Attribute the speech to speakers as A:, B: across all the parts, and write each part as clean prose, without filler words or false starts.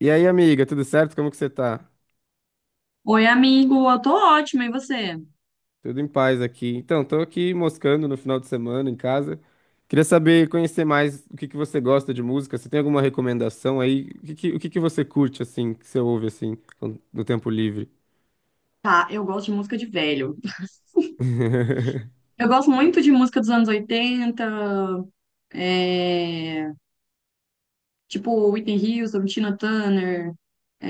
A: E aí, amiga, tudo certo? Como que você tá?
B: Oi, amigo, eu tô ótima, e você?
A: Tudo em paz aqui. Então, tô aqui moscando no final de semana em casa. Queria saber, conhecer mais o que que você gosta de música. Você tem alguma recomendação aí? O que que você curte, assim, que você ouve, assim, no tempo livre?
B: Tá, eu gosto de música de velho. Eu gosto muito de música dos anos 80, é, tipo Whitney Houston, Tina Turner.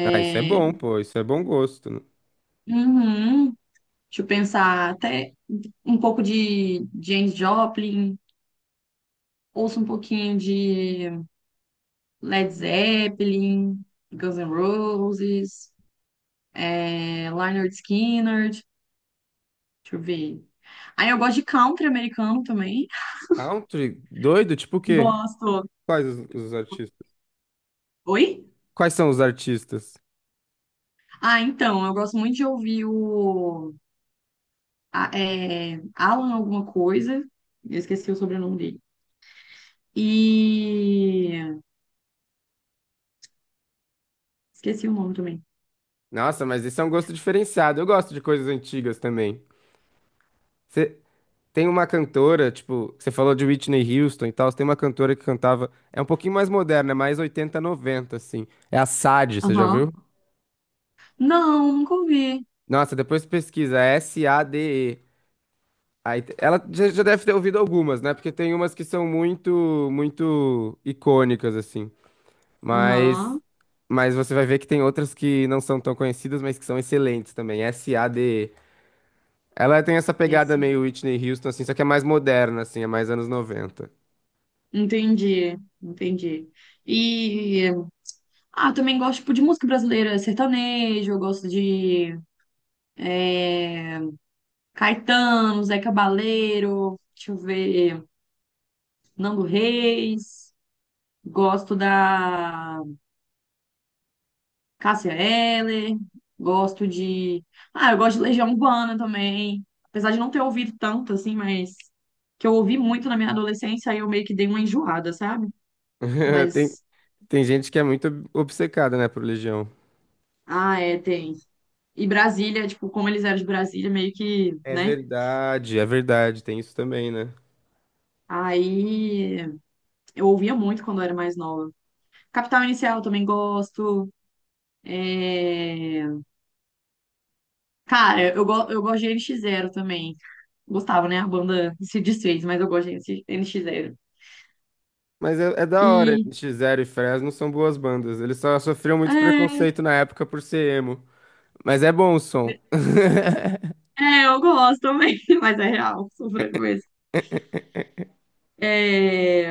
A: Ah, isso é
B: é,
A: bom, pô. Isso é bom gosto. Né?
B: uhum, deixa eu pensar, até um pouco de James Joplin, ouço um pouquinho de Led Zeppelin, Guns N' Roses, Lynyrd Skynyrd, deixa eu ver. Aí eu gosto de country americano também.
A: Country? Doido? Tipo o quê?
B: Gosto.
A: Quais os artistas?
B: Oi?
A: Quais são os artistas?
B: Ah, então, eu gosto muito de ouvir Alan alguma coisa. Eu esqueci o sobrenome dele. E esqueci o nome também.
A: Nossa, mas esse é um gosto diferenciado. Eu gosto de coisas antigas também. Tem uma cantora, tipo, você falou de Whitney Houston e tal, tem uma cantora que cantava, é um pouquinho mais moderna, é mais 80 90 assim. É a Sade, você já
B: Aham.
A: ouviu?
B: Não, nunca ouvi.
A: Nossa, depois pesquisa, é S-A-D-E. Aí, ela já deve ter ouvido algumas, né? Porque tem umas que são muito, muito icônicas, assim. Mas,
B: Aham.
A: mas você vai ver que tem outras que não são tão conhecidas, mas que são excelentes também. S-A-D-E. Ela tem essa pegada
B: Esse.
A: meio Whitney Houston, assim, só que é mais moderna, assim, é mais anos 90.
B: Entendi, entendi. E também gosto, tipo, de música brasileira, sertanejo, eu gosto de é, Caetano, Zé Cabaleiro, deixa eu ver, Nando Reis, gosto da Cássia Eller, gosto de. Ah, eu gosto de Legião Urbana também. Apesar de não ter ouvido tanto, assim, mas que eu ouvi muito na minha adolescência, aí eu meio que dei uma enjoada, sabe?
A: Tem,
B: Mas
A: Tem gente que é muito obcecada, né, por Legião.
B: ah, é, tem. E Brasília, tipo, como eles eram de Brasília, meio que, né?
A: É verdade, tem isso também, né?
B: Aí eu ouvia muito quando eu era mais nova. Capital Inicial eu também gosto. É... Cara, eu gosto de NX Zero também. Gostava, né? A banda se desfez, mas eu gosto de NX Zero.
A: Mas é da hora,
B: E,
A: NX0 e Fresno são boas bandas. Eles só sofriam muito
B: é,
A: preconceito na época por ser emo. Mas é bom o som.
B: É, eu gosto também, mas é real, sou franco mesmo. É,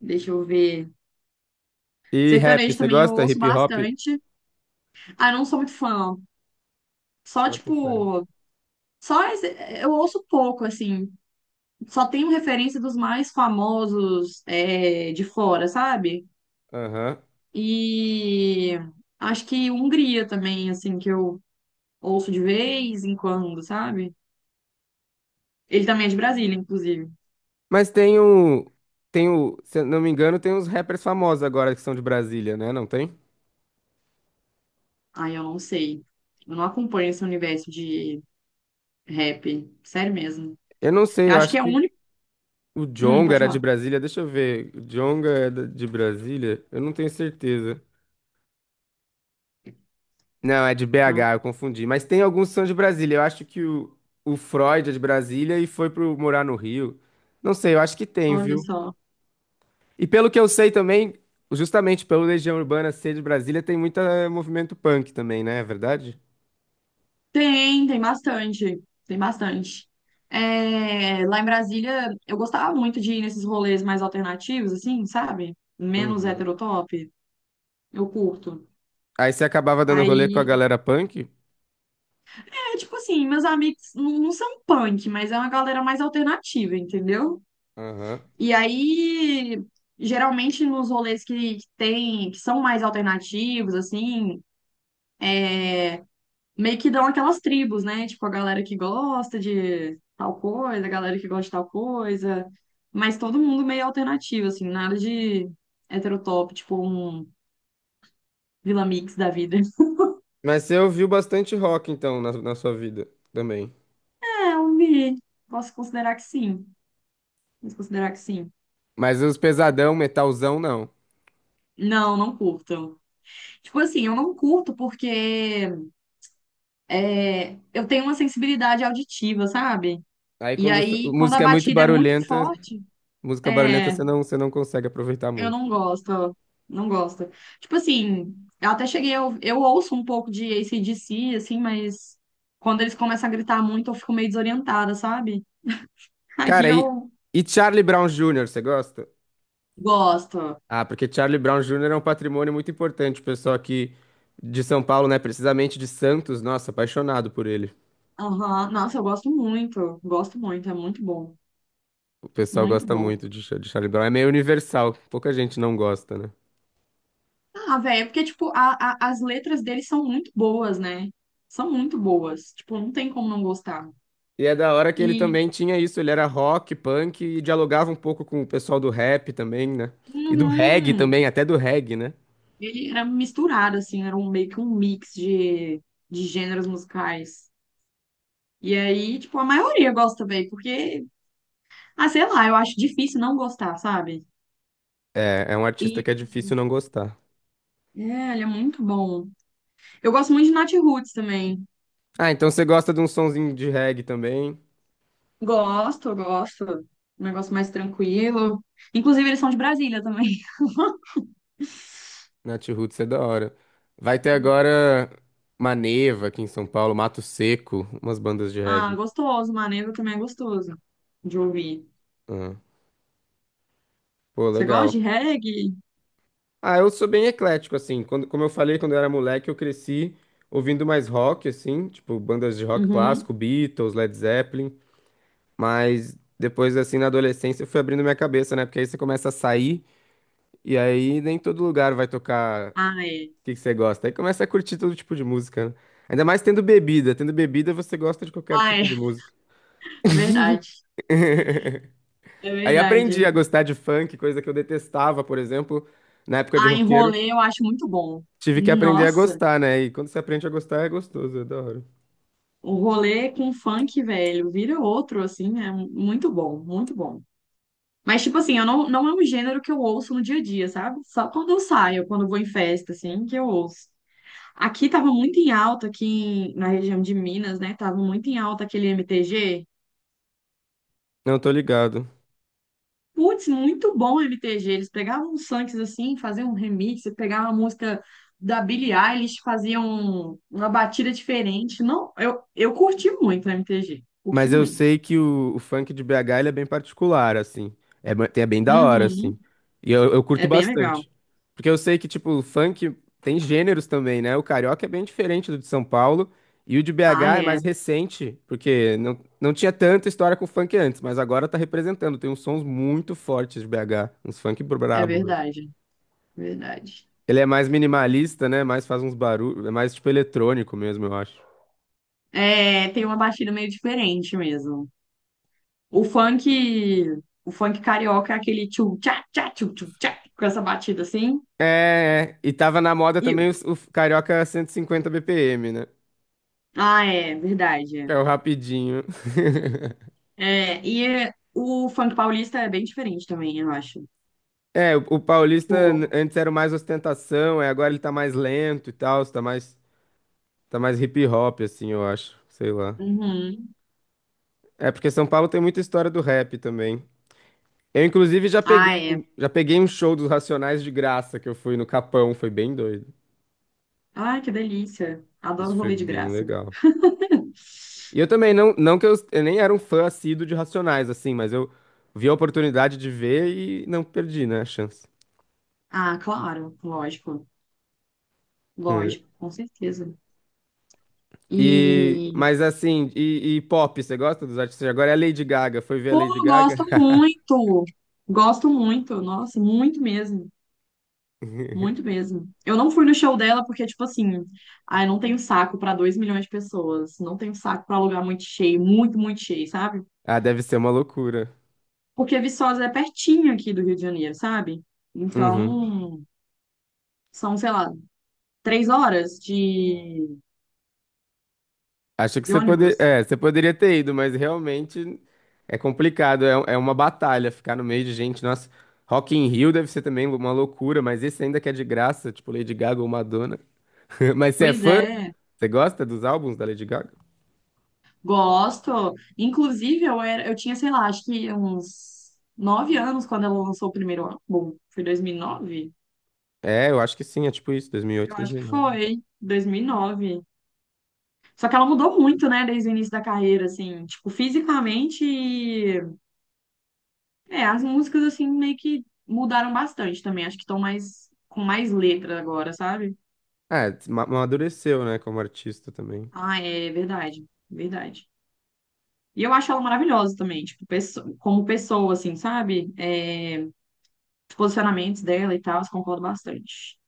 B: deixa eu ver.
A: E rap,
B: Sertanejo
A: você
B: também eu
A: gosta?
B: ouço
A: Hip hop?
B: bastante. Ah, não sou muito fã. Só,
A: Bota fé.
B: tipo, só esse- eu ouço pouco, assim. Só tenho referência dos mais famosos, de fora, sabe?
A: Aham.
B: E acho que Hungria também, assim, que eu ouço de vez em quando, sabe? Ele também é de Brasília, inclusive.
A: Mas tem o. Tem o. Se eu não me engano, tem uns rappers famosos agora que são de Brasília, né? Não tem?
B: Ah, eu não sei. Eu não acompanho esse universo de rap, sério mesmo.
A: Eu não sei,
B: Eu
A: eu
B: acho que
A: acho
B: é o
A: que
B: único.
A: o Djonga
B: Pode
A: era de
B: falar.
A: Brasília. Deixa eu ver. O Djonga é de Brasília? Eu não tenho certeza. Não, é de
B: Não.
A: BH, eu confundi. Mas tem alguns que são de Brasília. Eu acho que o Freud é de Brasília e foi pro morar no Rio. Não sei, eu acho que tem,
B: Olha
A: viu?
B: só.
A: E pelo que eu sei também, justamente pelo Legião Urbana ser de Brasília, tem muito movimento punk também, né? É verdade?
B: Tem, tem bastante. Tem bastante. É, lá em Brasília, eu gostava muito de ir nesses rolês mais alternativos, assim, sabe? Menos
A: Uhum.
B: heterotop. Eu curto.
A: Aí você acabava dando rolê com a
B: Aí,
A: galera punk?
B: é tipo assim, meus amigos não, não são punk, mas é uma galera mais alternativa, entendeu?
A: Aham.
B: E aí, geralmente nos rolês que tem, que são mais alternativos, assim, meio que dão aquelas tribos, né? Tipo, a galera que gosta de tal coisa, a galera que gosta de tal coisa. Mas todo mundo meio alternativo, assim, nada de heterotop, tipo um Vila Mix da vida.
A: Mas você ouviu bastante rock, então, na sua vida também.
B: É, eu vi. Posso considerar que sim. Posso considerar que sim.
A: Mas os pesadão, metalzão, não.
B: Não, não curto. Tipo assim, eu não curto porque eu tenho uma sensibilidade auditiva, sabe?
A: Aí
B: E
A: quando
B: aí, quando a
A: música é muito
B: batida é muito
A: barulhenta,
B: forte,
A: música barulhenta
B: é.
A: você não consegue aproveitar
B: Eu
A: muito.
B: não gosto, não gosto. Tipo assim, eu até cheguei, eu ouço um pouco de AC/DC, assim, mas quando eles começam a gritar muito, eu fico meio desorientada, sabe? Aí
A: Cara, e,
B: eu
A: e Charlie Brown Jr., você gosta?
B: gosto.
A: Ah, porque Charlie Brown Jr. é um patrimônio muito importante, o pessoal aqui de São Paulo, né? Precisamente de Santos, nossa, apaixonado por ele.
B: Aham. Nossa, eu gosto muito, é muito bom,
A: O pessoal
B: muito
A: gosta
B: bom.
A: muito de Charlie Brown, é meio universal, pouca gente não gosta, né?
B: Ah, velho, é porque, tipo, as letras deles são muito boas, né? São muito boas, tipo, não tem como não gostar.
A: E é da hora que ele
B: E,
A: também tinha isso, ele era rock, punk e dialogava um pouco com o pessoal do rap também, né? E do reggae
B: uhum,
A: também, até do reggae, né?
B: Ele era misturado, assim, era um, meio que um mix de gêneros musicais. E aí, tipo, a maioria gosta bem, porque, ah, sei lá, eu acho difícil não gostar, sabe?
A: é um artista
B: E
A: que é difícil não gostar.
B: ele é muito bom. Eu gosto muito de Nat Roots também.
A: Ah, então você gosta de um sonzinho de reggae também?
B: Gosto, gosto. Um negócio mais tranquilo. Inclusive, eles são de Brasília também.
A: Natiruts é da hora. Vai ter agora Maneva aqui em São Paulo, Mato Seco, umas bandas de
B: Ah,
A: reggae.
B: gostoso, Maneva também é gostoso de ouvir.
A: Ah, pô,
B: Você gosta
A: legal.
B: de reggae?
A: Ah, eu sou bem eclético, assim. Como eu falei, quando eu era moleque, eu cresci ouvindo mais rock, assim, tipo bandas de rock clássico,
B: Uhum.
A: Beatles, Led Zeppelin. Mas depois, assim, na adolescência, eu fui abrindo minha cabeça, né? Porque aí você começa a sair e aí nem todo lugar vai tocar o
B: Ah, é.
A: que que você gosta. Aí começa a curtir todo tipo de música, né? Ainda mais tendo bebida. Tendo bebida, você gosta de qualquer
B: Ah, é.
A: tipo de música.
B: Verdade. É
A: Aí aprendi
B: verdade.
A: a gostar de funk, coisa que eu detestava, por exemplo, na época de
B: Ah, em
A: roqueiro.
B: rolê eu acho muito bom.
A: Tive que aprender a
B: Nossa,
A: gostar, né? E quando você aprende a gostar, é gostoso, é da hora.
B: o rolê com funk, velho, vira outro, assim, é muito bom, muito bom. Mas, tipo assim, eu não, não é um gênero que eu ouço no dia a dia, sabe? Só quando eu saio, quando eu vou em festa, assim, que eu ouço. Aqui tava muito em alta, na região de Minas, né? Tava muito em alta aquele MTG.
A: Não, tô ligado.
B: Putz, muito bom o MTG. Eles pegavam uns funks assim, faziam um remix, pegavam a música da Billie Eilish, faziam uma batida diferente. Não, eu curti muito o MTG. Curti
A: Mas eu
B: muito.
A: sei que o funk de BH ele é bem particular, assim. É, é bem da hora,
B: Uhum,
A: assim. E eu curto
B: é bem legal.
A: bastante. Porque eu sei que, tipo, o funk tem gêneros também, né? O carioca é bem diferente do de São Paulo. E o de
B: Ah,
A: BH é
B: é.
A: mais recente, porque não tinha tanta história com funk antes, mas agora tá representando. Tem uns sons muito fortes de BH, uns funk
B: É
A: brabo mesmo.
B: verdade. Verdade.
A: Ele é mais minimalista, né? Mais faz uns barulhos, é mais tipo eletrônico mesmo, eu acho.
B: É, tem uma batida meio diferente mesmo. O funk, o funk carioca é aquele tchum tchá tchá tchum tchum tchá, com essa batida assim.
A: É. E tava na moda
B: E,
A: também o Carioca 150 BPM, né?
B: é verdade. É.
A: É o rapidinho.
B: É, o funk paulista é bem diferente também, eu acho.
A: É, o paulista
B: Tipo,
A: antes era o mais ostentação, é, agora ele tá mais lento e tal, tá mais hip hop, assim, eu acho. Sei lá.
B: uhum.
A: É porque São Paulo tem muita história do rap também. Eu, inclusive, já peguei,
B: Ah, é.
A: um- já peguei um show dos Racionais de graça que eu fui no Capão, foi bem doido.
B: Ah, que delícia. Adoro
A: Isso foi
B: rolê de
A: bem
B: graça.
A: legal. E eu também, não que eu nem era um fã assíduo de Racionais, assim, mas eu vi a oportunidade de ver e não perdi, né, a chance.
B: Ah, claro, lógico. Lógico, com certeza. E,
A: Mas assim, e pop, você gosta dos artistas de agora? É a Lady Gaga, foi ver a
B: pô,
A: Lady
B: eu
A: Gaga?
B: gosto muito. Gosto muito, nossa, muito mesmo. Muito mesmo. Eu não fui no show dela porque, tipo assim, ai, não tenho saco pra 2 milhões de pessoas. Não tenho saco pra lugar muito cheio, muito, muito cheio, sabe?
A: Ah, deve ser uma loucura.
B: Porque Viçosa é pertinho aqui do Rio de Janeiro, sabe?
A: Uhum.
B: Então, são, sei lá, 3 horas
A: Acho que
B: de ônibus.
A: você poderia ter ido, mas realmente é complicado, é uma batalha ficar no meio de gente. Nossa, Rock in Rio deve ser também uma loucura, mas esse ainda que é de graça, tipo Lady Gaga ou Madonna. Mas você é
B: Pois
A: fã?
B: é,
A: Você gosta dos álbuns da Lady Gaga?
B: gosto. Inclusive, eu era, eu tinha, sei lá, acho que uns 9 anos quando ela lançou o primeiro álbum. Foi 2009.
A: É, eu acho que sim, é tipo isso, 2008,
B: Eu acho que
A: 2009.
B: foi 2009. Só que ela mudou muito, né, desde o início da carreira, assim, tipo, fisicamente, as músicas, assim, meio que mudaram bastante também. Acho que estão mais, com mais letra agora, sabe?
A: É, amadureceu, né, como artista também.
B: Ah, é verdade, verdade. E eu acho ela maravilhosa também, tipo, como pessoa, assim, sabe? É, os posicionamentos dela e tal, eu concordo bastante.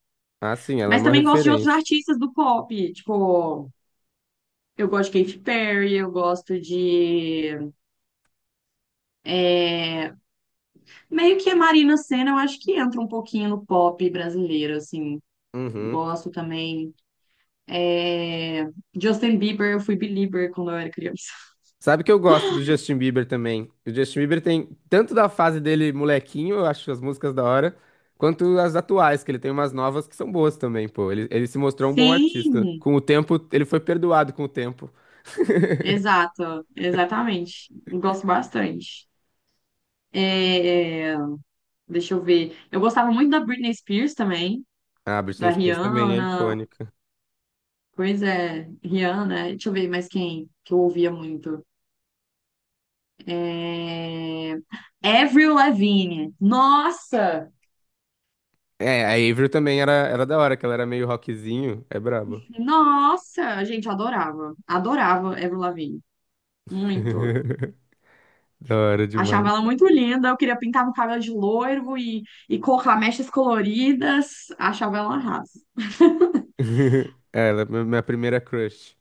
A: Ah, sim, ela é
B: Mas
A: uma
B: também gosto de outros
A: referência.
B: artistas do pop, tipo, eu gosto de Katy Perry, eu gosto de... Meio que a Marina Sena, eu acho que entra um pouquinho no pop brasileiro, assim.
A: Uhum.
B: Gosto também. É, Justin Bieber, eu fui belieber quando eu era criança.
A: Sabe que eu gosto do Justin Bieber também. O Justin Bieber tem tanto da fase dele molequinho, eu acho as músicas da hora, quanto as atuais, que ele tem umas novas que são boas também, pô. Ele se mostrou um bom artista.
B: Sim,
A: Com o tempo, ele foi perdoado com o tempo.
B: exato, exatamente. Gosto bastante. É, deixa eu ver. Eu gostava muito da Britney Spears também,
A: Ah, a
B: da
A: Britney Spears também é
B: Rihanna.
A: icônica.
B: Pois é, Rihanna. Deixa eu ver mais quem que eu ouvia muito. É... Avril Lavigne. Nossa!
A: É, a Avril também era da hora, que ela era meio rockzinho. É brabo.
B: Nossa! A gente adorava. Adorava Avril Lavigne. Muito.
A: Da hora
B: Achava
A: demais.
B: ela muito linda. Eu queria pintar meu cabelo de loiro e colocar mechas coloridas. Achava ela arrasa.
A: É, ela é minha primeira crush.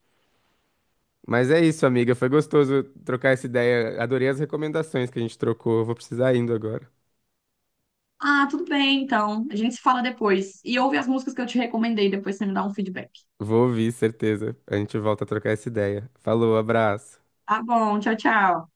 A: Mas é isso, amiga. Foi gostoso trocar essa ideia. Adorei as recomendações que a gente trocou. Vou precisar indo agora.
B: Ah, tudo bem, então. A gente se fala depois. E ouve as músicas que eu te recomendei, depois você me dá um feedback.
A: Vou ouvir, certeza. A gente volta a trocar essa ideia. Falou, abraço.
B: Tá bom, tchau, tchau.